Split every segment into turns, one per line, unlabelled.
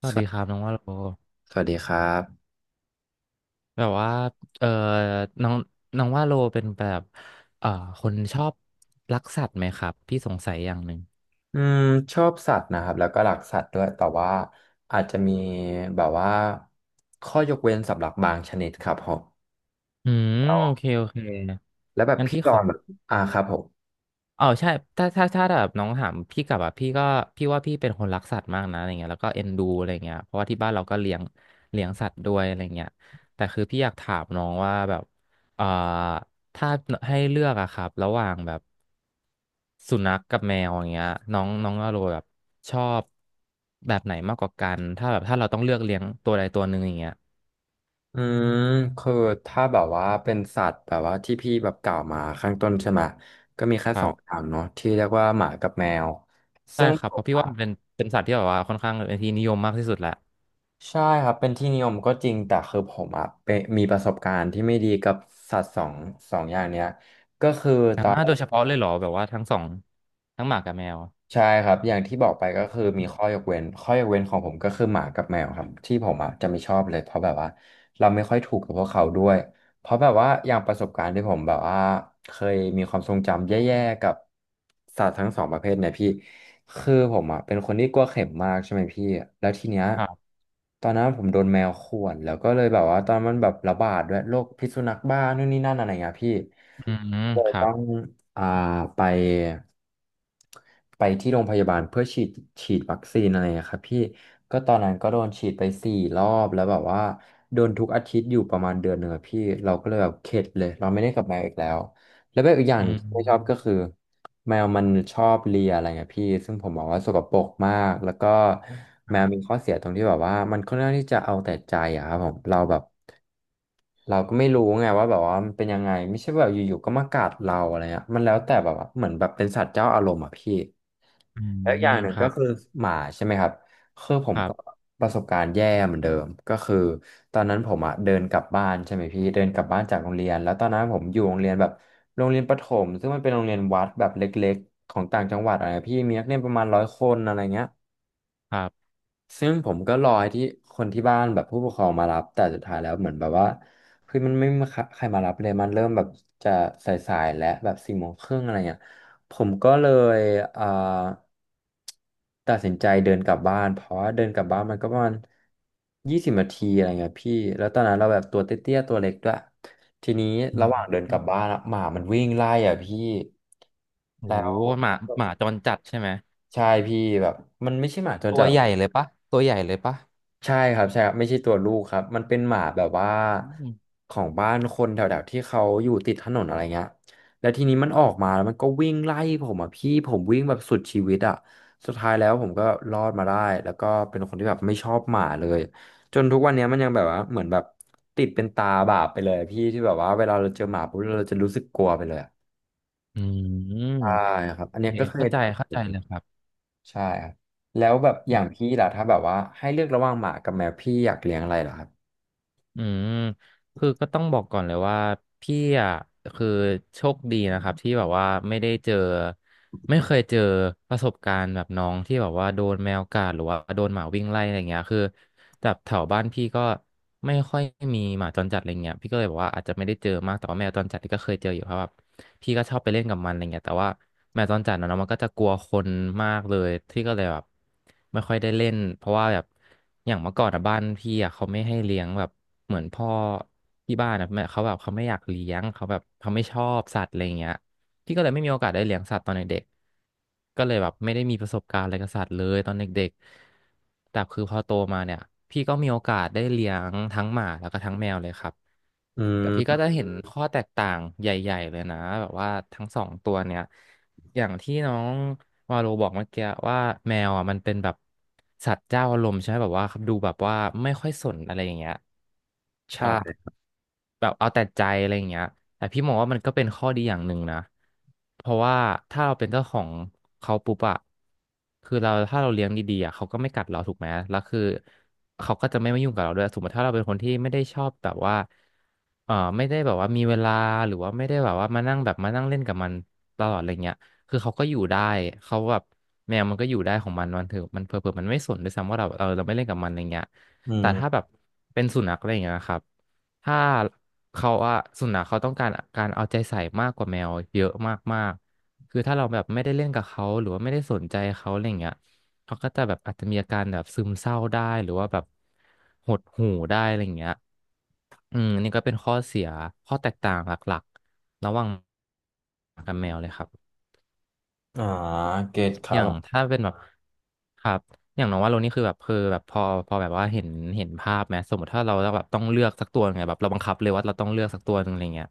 ส
ส
วัส
วั
ดีครั
ส
บน้องว่าโล
สวัสดีครับ
แบบว่าเออน้องน้องว่าโลเป็นแบบเอ่อคนชอบรักสัตว์ไหมครับพี่สงสัยอย่างหนึ่ง
อืมชอบสัตว์นะครับแล้วก็รักสัตว์ด้วยแต่ว่าอาจจะมีแบบว่าข้อยกเว้นสำหรับบางชนิดครับผม
อืม
อ๋
โอ
อ
เคโอเค
แล้วแบบ
งั้น
พี่
พี่
จ
ข
อ
อ
นแบบครับผม
อ๋อใช่ถ้าแบบน้องถามพี่กลับอ่ะพี่ก็พี่ว่าพี่เป็นคนรักสัตว์มากนะอะไรเงี้ยแล้วก็เอ็นดูอะไรเงี้ยเพราะว่าที่บ้านเราก็เลี้ยงเลี้ยงสัตว์ด้วยอะไรเงี้ยแต่คือพี่อยากถามน้องว่าแบบเอ่อถ้าให้เลือกอะครับระหว่างแบบสุนัขกับแมวอย่างเงี้ยน้องน้องอโรแบบชอบแบบไหนมากกว่ากันถ้าแบบถ้าเราต้องเลือกเลี้ยงตัวใดตัวหนึ่งอย่างเงี้ย
อืมคือถ้าแบบว่าเป็นสัตว์แบบว่าที่พี่แบบกล่าวมาข้างต้นใช่ไหมก็มีแค่
ค
ส
รั
องอ
บ
ย่างเนาะที่เรียกว่าหมากับแมว
ใช่
ซึ่ง
ครับเพราะพี่ว่ามันเป็นเป็นสัตว์ที่แบบว่าค่อนข้างเป็นที่นิยมมากที่สุดแหละ
ใช่ครับเป็นที่นิยมก็จริงแต่คือผมอ่ะเป็นมีประสบการณ์ที่ไม่ดีกับสัตว์สองอย่างเนี้ยก็คือ
อ่าโดยเฉพาะเลยเหรอแบบว่าทั้งสองทั้งหมากับแมว
ใช่ครับอย่างที่บอกไปก็คือมีข้อยกเว้นข้อยกเว้นของผมก็คือหมากับแมวครับที่ผมอ่ะจะไม่ชอบเลยเพราะแบบว่าเราไม่ค่อยถูกกับพวกเขาด้วยเพราะแบบว่าอย่างประสบการณ์ที่ผมแบบว่าเคยมีความทรงจำแย่ๆกับสัตว์ทั้งสองประเภทเนี่ยพี่คือผมอ่ะเป็นคนที่กลัวเข็มมากใช่ไหมพี่แล้วทีเนี้ย
ครับ
ตอนนั้นผมโดนแมวข่วนแล้วก็เลยแบบว่าตอนมันแบบระบาดด้วยโรคพิษสุนัขบ้านู่นนี่นั่นอะไรเงี้ยพี่
อืม
เล
ค
ย
รั
ต้
บ
องอ่าไป ไปที่โรงพยาบาลเพื่อฉีดวัคซีนอะไรอะครับพี่ก็ตอนนั้นก็โดนฉีดไป4 รอบแล้วแบบว่าโดนทุกอาทิตย์อยู่ประมาณ1 เดือนอะพี่เราก็เลยแบบเข็ดเลยเราไม่ได้กลับมาอีกแล้วแล้วแบบอีกอย่าง
อื
ที่ไม่ชอบก็
ม
คือแมวมันชอบเลียอะไรเงี้ยพี่ซึ่งผมมองว่าสกปรกมากแล้วก็แม
ค
ว
รั
มี
บ
ข้อเสียตรงที่แบบว่ามันค่อนข้างที่จะเอาแต่ใจอะครับผมเราแบบเราก็ไม่รู้ไงว่าแบบว่ามันเป็นยังไงไม่ใช่ว่าแบบอยู่ๆก็มากัดเราอะไรเงี้ยมันแล้วแต่แบบว่าเหมือนแบบเป็นสัตว์เจ้าอารมณ์อะพี่
อื
แล้วอ
ม
ย่างหนึ่ง
ครั
ก็
บ
คือหมาใช่ไหมครับคือผ
ค
ม
รั
ก็
บ
ประสบการณ์แย่เหมือนเดิมก็คือตอนนั้นผมอ่ะเดินกลับบ้านใช่ไหมพี่เดินกลับบ้านจากโรงเรียนแล้วตอนนั้นผมอยู่โรงเรียนแบบโรงเรียนประถมซึ่งมันเป็นโรงเรียนวัดแบบเล็กๆของต่างจังหวัดอะไรพี่มีนักเรียนประมาณ100 คนอะไรเงี้ย
ครับ
ซึ่งผมก็รอให้ที่คนที่บ้านแบบผู้ปกครองมารับแต่สุดท้ายแล้วเหมือนแบบว่าคือมันไม่มีใครมารับเลยมันเริ่มแบบจะสายๆและแบบสี่โมงครึ่งอะไรเงี้ยผมก็เลยอ่า ตัดสินใจเดินกลับบ้านเพราะว่าเดินกลับบ้านมันก็ประมาณ20 นาทีอะไรเงี้ยพี่แล้วตอนนั้นเราแบบตัวเตี้ยๆตัวเล็กด้วยทีนี้
อื
ระ
ม
หว่างเดินกลับบ้านอะหมามันวิ่งไล่อ่ะพี่
โอ้
แล้
โห
ว
หมาหมาจรจัดใช่ไหม
ใช่พี่แบบมันไม่ใช่หมาจร
ตั
จั
ว
ดหร
ให
อก
ญ่เลยปะตัวใหญ่เลยปะ
ใช่ครับใช่ครับไม่ใช่ตัวลูกครับมันเป็นหมาแบบว่า
อืม
ของบ้านคนแถวๆที่เขาอยู่ติดถนนอะไรเงี้ยแล้วทีนี้มันออกมาแล้วมันก็วิ่งไล่ผมอ่ะพี่ผมวิ่งแบบสุดชีวิตอ่ะสุดท้ายแล้วผมก็รอดมาได้แล้วก็เป็นคนที่แบบไม่ชอบหมาเลยจนทุกวันเนี้ยมันยังแบบว่าเหมือนแบบติดเป็นตาบาปไปเลยอะพี่ที่แบบว่าเวลาเราเจอหมาปุ๊บเราจะรู้สึกกลัวไปเลยอะ
อื
ใช่
ม
ครับอัน
โอ
เนี้ย
เค
ก็เคย
เข้าใจ
เจ
เข้า
อ
ใจเลยครับ
ใช่ครับแล้วแบบอย่างพี่ล่ะถ้าแบบว่าให้เลือกระหว่างหมากับแมวพี่อยากเลี้ยงอะไรเหรอครับ
อืมคือก็ต้องบอกก่อนเลยว่าพี่อ่ะคือโชคดีนะครับที่แบบว่าไม่ได้เจอไม่เคยเจอประสบการณ์แบบน้องที่แบบว่าโดนแมวกัดหรือว่าโดนหมาวิ่งไล่อะไรเงี้ยคือแบบแถวบ้านพี่ก็ไม่ค่อยมีหมาจรจัดอะไรเงี้ยพี่ก็เลยบอกว่าอาจจะไม่ได้เจอมากแต่ว่าแมวจรจัดนี่ก็เคยเจออยู่เพราะแบบพี่ก็ชอบไปเล่นกับมันอะไรเงี้ยแต่ว่าแมวจรจัดนะเนาะมันก็จะกลัวคนมากเลยที่ก็เลยแบบไม่ค่อยได้เล่นเพราะว่าแบบ อย่างเมื่อก่อนอะบ้านพี่อะเขาไม่ให้เลี้ยงแบบเหมือนพ่อที่บ้านอะแม่เขาแบบเขาไม่อยากเลี้ยงเขาแบบเขาไม่ชอบสัตว์อะไรอย่างเงี้ยพี่ก็เลยไม่มีโอกาสได้เลี้ยงสัตว์ตอนเด็กๆก็เลยแบบไม่ได้มีประสบการณ์อะไรกับสัตว์เลยตอนเด็กๆแต่คือพอโตมาเนี่ยพี่ก็มีโอกาสได้เลี้ยงทั้งหมาแล้วก็ทั้งแมวเลยครับ
อื
แต่พี่ก็
ม
จะเห็นข้อแตกต่างใหญ่ๆเลยนะแบบว่าทั้งสองตัวเนี่ย อย่างที่น้องวาโลบอกเมื่อกี้ว่าแมวอ่ะมันเป็นแบบสัตว์เจ้าอารมณ์ใช่ไหมแบบว่าดูแบบว่าไม่ค่อยสนอะไรอย่างเงี้ยแบ
ใช่
บแบบเอาแต่ใจอะไรอย่างเงี้ยแต่พี่มองว่ามันก็เป็นข้อดีอย่างหนึ่งนะเพราะว่าถ้าเราเป็นเจ้าของเขาปุ๊บอะคือเราถ้าเราเลี้ยงดีๆอะเขาก็ไม่กัดเราถูกไหมแล้วคือเขาก็จะไม่มายุ่งกับเราด้วยสมมติถ้าเราเป็นคนที่ไม่ได้ชอบแบบว่าเออไม่ได้แบบว่ามีเวลาหรือว่าไม่ได้แบบว่ามานั่งแบบมานั่งเล่นกับมันตลอดอะไรเงี้ย คือเขาก็อยู่ได้ เขาแบบแมวมันก็อยู่ได้ของมันมันเถอะมันเผลอๆมันไม่สนด้วยซ้ำว่าเราเออเราไม่เล่นกับมันอะไรเงี้ย
อื
แต่
ม
ถ้าแบบเป็นสุนัขอะไรอย่างเงี้ยครับ ถ้าเขาอะสุนัขเขาต้องการการเอาใจใส่มากกว่าแมวเยอะมากๆคือถ้าเราแบบไม่ได้เล่นกับเขาหรือว่าไม่ได้สนใจเขาอะไรเงี้ยเขาก็จะแบบอาจจะมีอาการแบบซึมเศร้าได้หรือว่าแบบหดหู่ได้อะไรเงี้ยอืมอันนี่ก็เป็นข้อเสียข้อแตกต่างหลักๆระหว่างหมากับแมวเลยครับ
อ่าเกตค
อ
รั
ย่าง
บ
ถ้าเป็นแบบครับอย่างน้องว่าโรนี่คือแบบคือแบบพอพอแบบว่าเห็นเห็นภาพไหมสมมติถ้าเราแบบต้องเลือกสักตัวไงแบบเราบังคับเลยว่าเราต้องเลือกสักตัวหนึงอะไรเงี้ย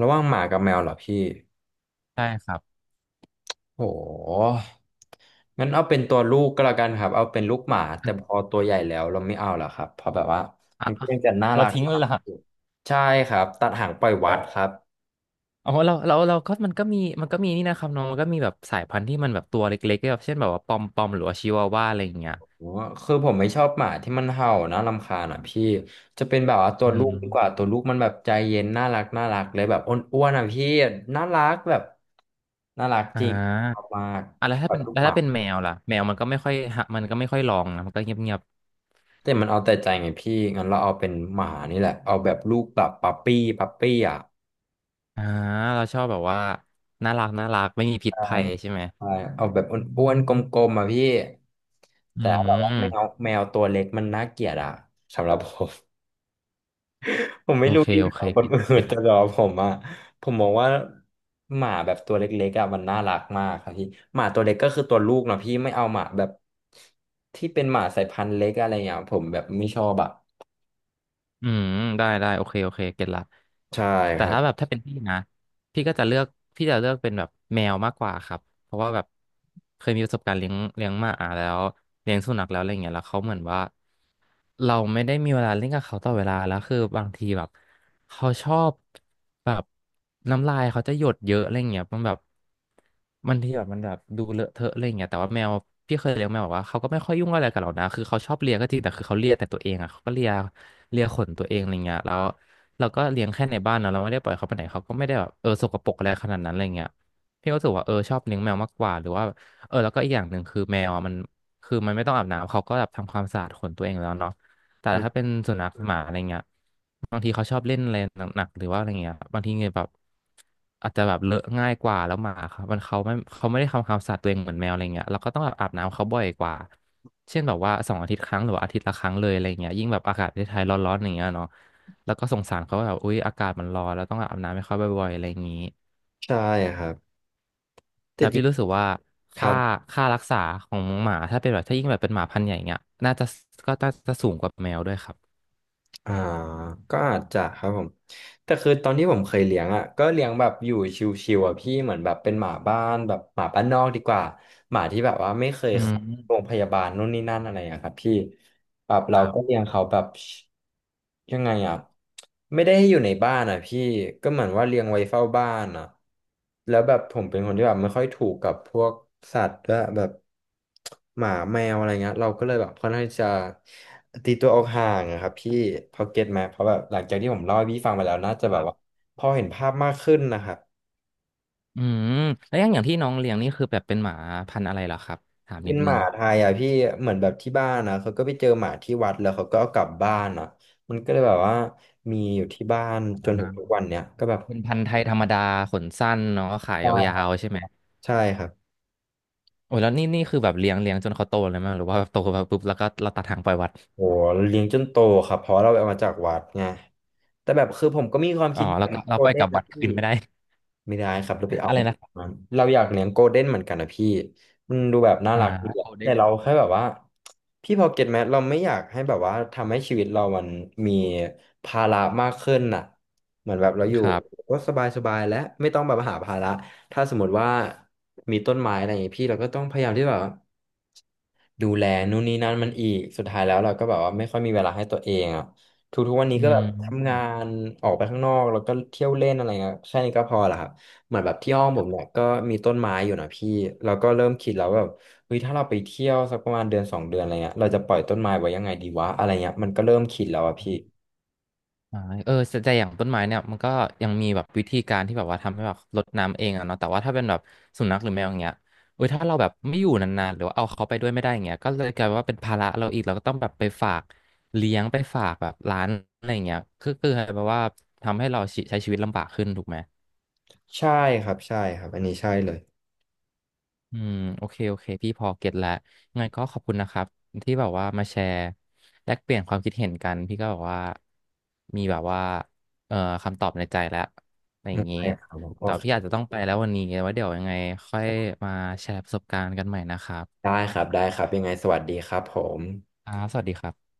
ระหว่างหมากับแมวเหรอพี่
ใช่ครับ
โหงั้นเอาเป็นตัวลูกก็แล้วกันครับเอาเป็นลูกหมาแต่พอตัวใหญ่แล้วเราไม่เอาหรอกครับเพราะแบบว่า
อ่ะ
มันก็
อ่ะ
ยังจะน่า
เรา
รัก
ทิ้งเลยเหรอ
อยู่ใช่ครับตัดหางปล่อยวัดครับ
อ๋อเราก็มันก็มีนี่นะครับน้องมันก็มีแบบสายพันธุ์ที่มันแบบตัวเล็กๆแบบเช่นแบบว่าปอมปอมหรือว่าชิวาว่าอะไรอย่างเงี้ย
โหคือผมไม่ชอบหมาที่มันเห่านะรำคาญอ่ะพี่จะเป็นแบบว่าตัว
อื
ลูกดีกว่า
ม
ตัวลูกมันแบบใจเย็นน่ารักน่ารักเลยแบบอ้วนๆอ่ะพี่น่ารักแบบน่ารัก
อ่
จริงชอบ
า
มาก
อ่ะ
แบบลูก
แล้ว
หมา
ถ้าเป็นแมวล่ะแมวมันก็ไม่ค่อยหะมันก็ไม่ค่อยร้องนะมันก็เงียบ
แต่มันเอาแต่ใจไงพี่งั้นเราเอาเป็นหมานี่แหละเอาแบบลูกแบบปั๊ปปี้ปั๊ปปี้อ่ะ
ๆอ่าเราชอบแบบว่าน่ารักน่ารักไม่มีพิษ
ใช่
ภัยใช่ไหม
ใช่เอาแบบอ้วนๆกลมๆอ่ะพี่
อื
แต่แบบว่าแมว
ม
แมวตัวเล็กมันน่าเกลียดอ่ะสำหรับผม ผม
โอ
ไม่รู้
เค
ดี
โอ
ข
เค
องคน
เก็ต
อื่
เก็
น
ต
แต่
ละ
สำหรับผมอ่ะผมมองว่าหมาแบบตัวเล็กๆอ่ะมันน่ารักมากครับพี่หมาตัวเล็กก็คือตัวลูกเนาะพี่ไม่เอาหมาแบบที่เป็นหมาสายพันธุ์เล็กอะไรอย่างเงี้ยผมแบบไม่ชอบอ่ะ
อืมได้ได้โอเคโอเคเก็ตละ
ใช่
แต่
ครั
ถ้าแบบ
บ
ถ้าเป็นพี่นะพี่ก็จะเลือกพี่จะเลือกเป็นแบบแมวมากกว่าครับเพราะว่าแบบเคยมีประสบการณ์เลี้ยงเลี้ยงหมาแล้วเลี้ยงสุนัขแล้วอะไรเงี้ยแล้วเขาเหมือนว่าเราไม่ได้มีเวลาเล่นกับเขาตลอดเวลาแล้วคือบางทีแบบเขาชอบแบบน้ำลายเขาจะหยดเยอะอะไรเงี้ยมันแบบ มันที่แบบมันแบบดูเลอะเทอะอะไรอย่างเงี้ยแต่ว่าแมวพี่เคยเลี้ยงแมวบอกว่าเขาก็ไม่ค่อยยุ่งอะไรกับเรานะคือเขาชอบเลียก็จริงแต่คือเขาเลียแต่ตัวเองอ่ะเขาก็เลียเลียขนตัวเองอะไรเงี้ยแล้วเราก็เลี้ยงแค่ในบ้านเนาะเราไม่ได้ปล่อยเขาไปไหนเขาก็ไม่ได้แบบเออสกปรกอะไรขนาดนั้นอะไรเงี้ยพี่ก็รู้สึกว่าเออชอบเลี้ยงแมวมากกว่าหรือว่าเออแล้วก็อีกอย่างหนึ่งคือแมวอะมันคือมันไม่ต้องอาบน้ำเขาก็แบบทำความสะอาดขนตัวเองแล้วเนาะ แต่
อื
ถ้า
ม
เป็นสุนัขหมาอะไรเงี้ยบางทีเขาชอบเล่นอะไรหนักๆหรือว่าอะไรเงี้ยบางทีเงี้ยแบบอาจจะแบบเลอะง่ายกว่าแล้วหมาครับมันเขาไม่ได้ทำความสะอาดตัวเองเหมือนแมวอะไรเงี้ยเราก็ต้องแบบอาบน้ำเขาบ่อยกว่าเช่นแบบว่าสองอาทิตย์ครั้งหรือว่าอาทิตย์ละครั้งเลยอะไรเงี้ยยิ่งแบบอากาศประเทศไทยร้อนๆอย่างเงี้ยเนาะแล้วก็สงสารเขาว่าแบบอุ๊ยอากาศมันร้อนแล้วต้องอาบน้ำให้เขาบ่อยๆอะไรอย่างงี้
ใช่ครับแต่
แล้ว
จริ
พี่
ง
รู้สึกว่า
ครั
ค่า
บ
ค่ารักษาของหมาถ้าเป็นแบบถ้ายิ่งแบบเป็นหมาพันธุ์ใหญ่เงี้ยน่าจะก็น่าจะสูงกว่าแมวด้วยครับ
อ่าก็อาจจะครับผมแต่คือตอนที่ผมเคยเลี้ยงอ่ะก็เลี้ยงแบบอยู่ชิวๆอ่ะพี่เหมือนแบบเป็นหมาบ้านแบบหมาบ้านนอกดีกว่าหมาที่แบบว่าไม่เคย
อื
เข้าโรง
ม
พยาบาลนู่นนี่นั่นอะไรอ่ะครับพี่แบบเรา
ครั
ก็
บ
เลี้ยงเขาแบบยังไงอ่ะไม่ได้ให้อยู่ในบ้านอ่ะพี่ก็เหมือนว่าเลี้ยงไว้เฝ้าบ้านอ่ะแล้วแบบผมเป็นคนที่แบบไม่ค่อยถูกกับพวกสัตว์ด้วยแบบ หมาแมวอะไรเงี้ยเราก็เลยแบบค่อนข้างที่จะตีตัวออกห่างอะครับพี่พอเก็ตไหมเพราะแบบหลังจากที่ผมเล่าให้พี่ฟังไปแล้วน่าจะแบบว่าพอเห็นภาพมากขึ้นนะครับ
อืมแล้วอย่างอย่างที่น้องเลี้ยงนี่คือแบบเป็นหมาพันธุ์อะไรเหรอครับถาม
เป็
นิ
น
ด
ห
นึ
มา
ง
ไทยอ่ะพี่เหมือนแบบที่บ้านนะเขาก็ไปเจอหมาที่วัดแล้วเขาก็เอากลับบ้านอ่ะมันก็เลยแบบว่ามีอยู่ที่บ้านจ
อ่า
นถึงทุกวันเนี้ยก็แบบ
เป็นพันธุ์ไทยธรรมดาขนสั้นเนาะขายยา
ใช่
วๆใช่ไหม
ใช่ครับ
โอ้ยแล้วนี่นี่คือแบบเลี้ยงเลี้ยงจนเขาโตเลยไหมหรือว่าแบบโตมาปุ๊บแล้วก็เราตัดหางปล่อยวัด
โอ้เลี้ยงจนโตครับเพราะเราเอามาจากวัดไงแต่แบบคือผมก็มีความ
อ๋อ
คิด
แล้
แบ
วก็
บ
เรา
โก
ป
ล
ล่อย
เด้
กลั
น
บ
นะ
วัด
พี่
คืนไม่ได้
ไม่ได้ครับเราไป เอา
อะไรนะครั
มา
บ
เราอยากเลี้ยงโกลเด้นเหมือนกันนะพี่มันดูแบบน่า
อ่
รักดีอะ
า
แต่เราแค่แบบว่าพี่พอเก็ตไหมเราไม่อยากให้แบบว่าทำให้ชีวิตเรามันมีภาระมากขึ้นน่ะเหมือนแบบเราอ
ค
ยู่
รับ
ก็สบายและไม่ต้องแบบหาภาระถ้าสมมติว่ามีต้นไม้อะไรอย่างงี้พี่เราก็ต้องพยายามที่แบบว่าดูแลนู่นนี่นั่นมันอีกสุดท้ายแล้วเราก็แบบว่าไม่ค่อยมีเวลาให้ตัวเองอ่ะทุกๆวันนี้
อื
ก็แบบ
ม
ทำงานออกไปข้างนอกแล้วก็เที่ยวเล่นอะไรเงี้ยแค่นี้ก็พอละครับ เหมือนแบบที่ห้องผมเนี่ยก็มีต้นไม้อยู่นะพี่เราก็เริ่มคิดแล้วแบบเฮ้ยถ้าเราไปเที่ยวสักประมาณเดือนสองเดือนอะไรเงี้ยเราจะปล่อยต้นไม้ไว้ยังไงดีวะอะไรเงี้ยมันก็เริ่มคิดแล้วอะพี่
อ่าเออแต่แต่อย่างต้นไม้เนี่ยมันก็ยังมีแบบวิธีการที่แบบว่าทำให้แบบรดน้ำเองอะเนาะแต่ว่าถ้าเป็นแบบสุนัขหรือแมวอย่างเงี้ยเออถ้าเราแบบไม่อยู่นานๆหรือว่าเอาเขาไปด้วยไม่ได้อย่างเงี้ยก็เลยกลายว่าเป็นภาระเราอีก เราก็ต้องแบบไปฝากเลี้ยงไปฝากแบบร้านอะไรอย่างเงี้ยคือแบบว่าทำให้เราใช้ชีวิตลำบากขึ้นถูกไหม
ใช่ครับใช่ครับอันนี้ใช่เลย
อืมโอเคโอเคพี่พอเก็ตแล้วงั้นก็ขอบคุณนะครับที่แบบว่ามาแชร์แลกเปลี่ยนความคิดเห็นกันพี่ก็แบบว่ามีแบบว่าเอ่อคำตอบในใจแล้วอะไรอ
อื
ย่า
ม
งนี้
ใช่ครับผมโอ
แต่
เค
พี่อาจจะต้องไปแล้ววันนี้ไว้เดี๋ยวยังไงค่อยมาแชร์ประสบการณ์กันใหม่นะครับ
ได้ครับได้ครับยังไงสวัสดีครับผม
ครับสวัสดีครับ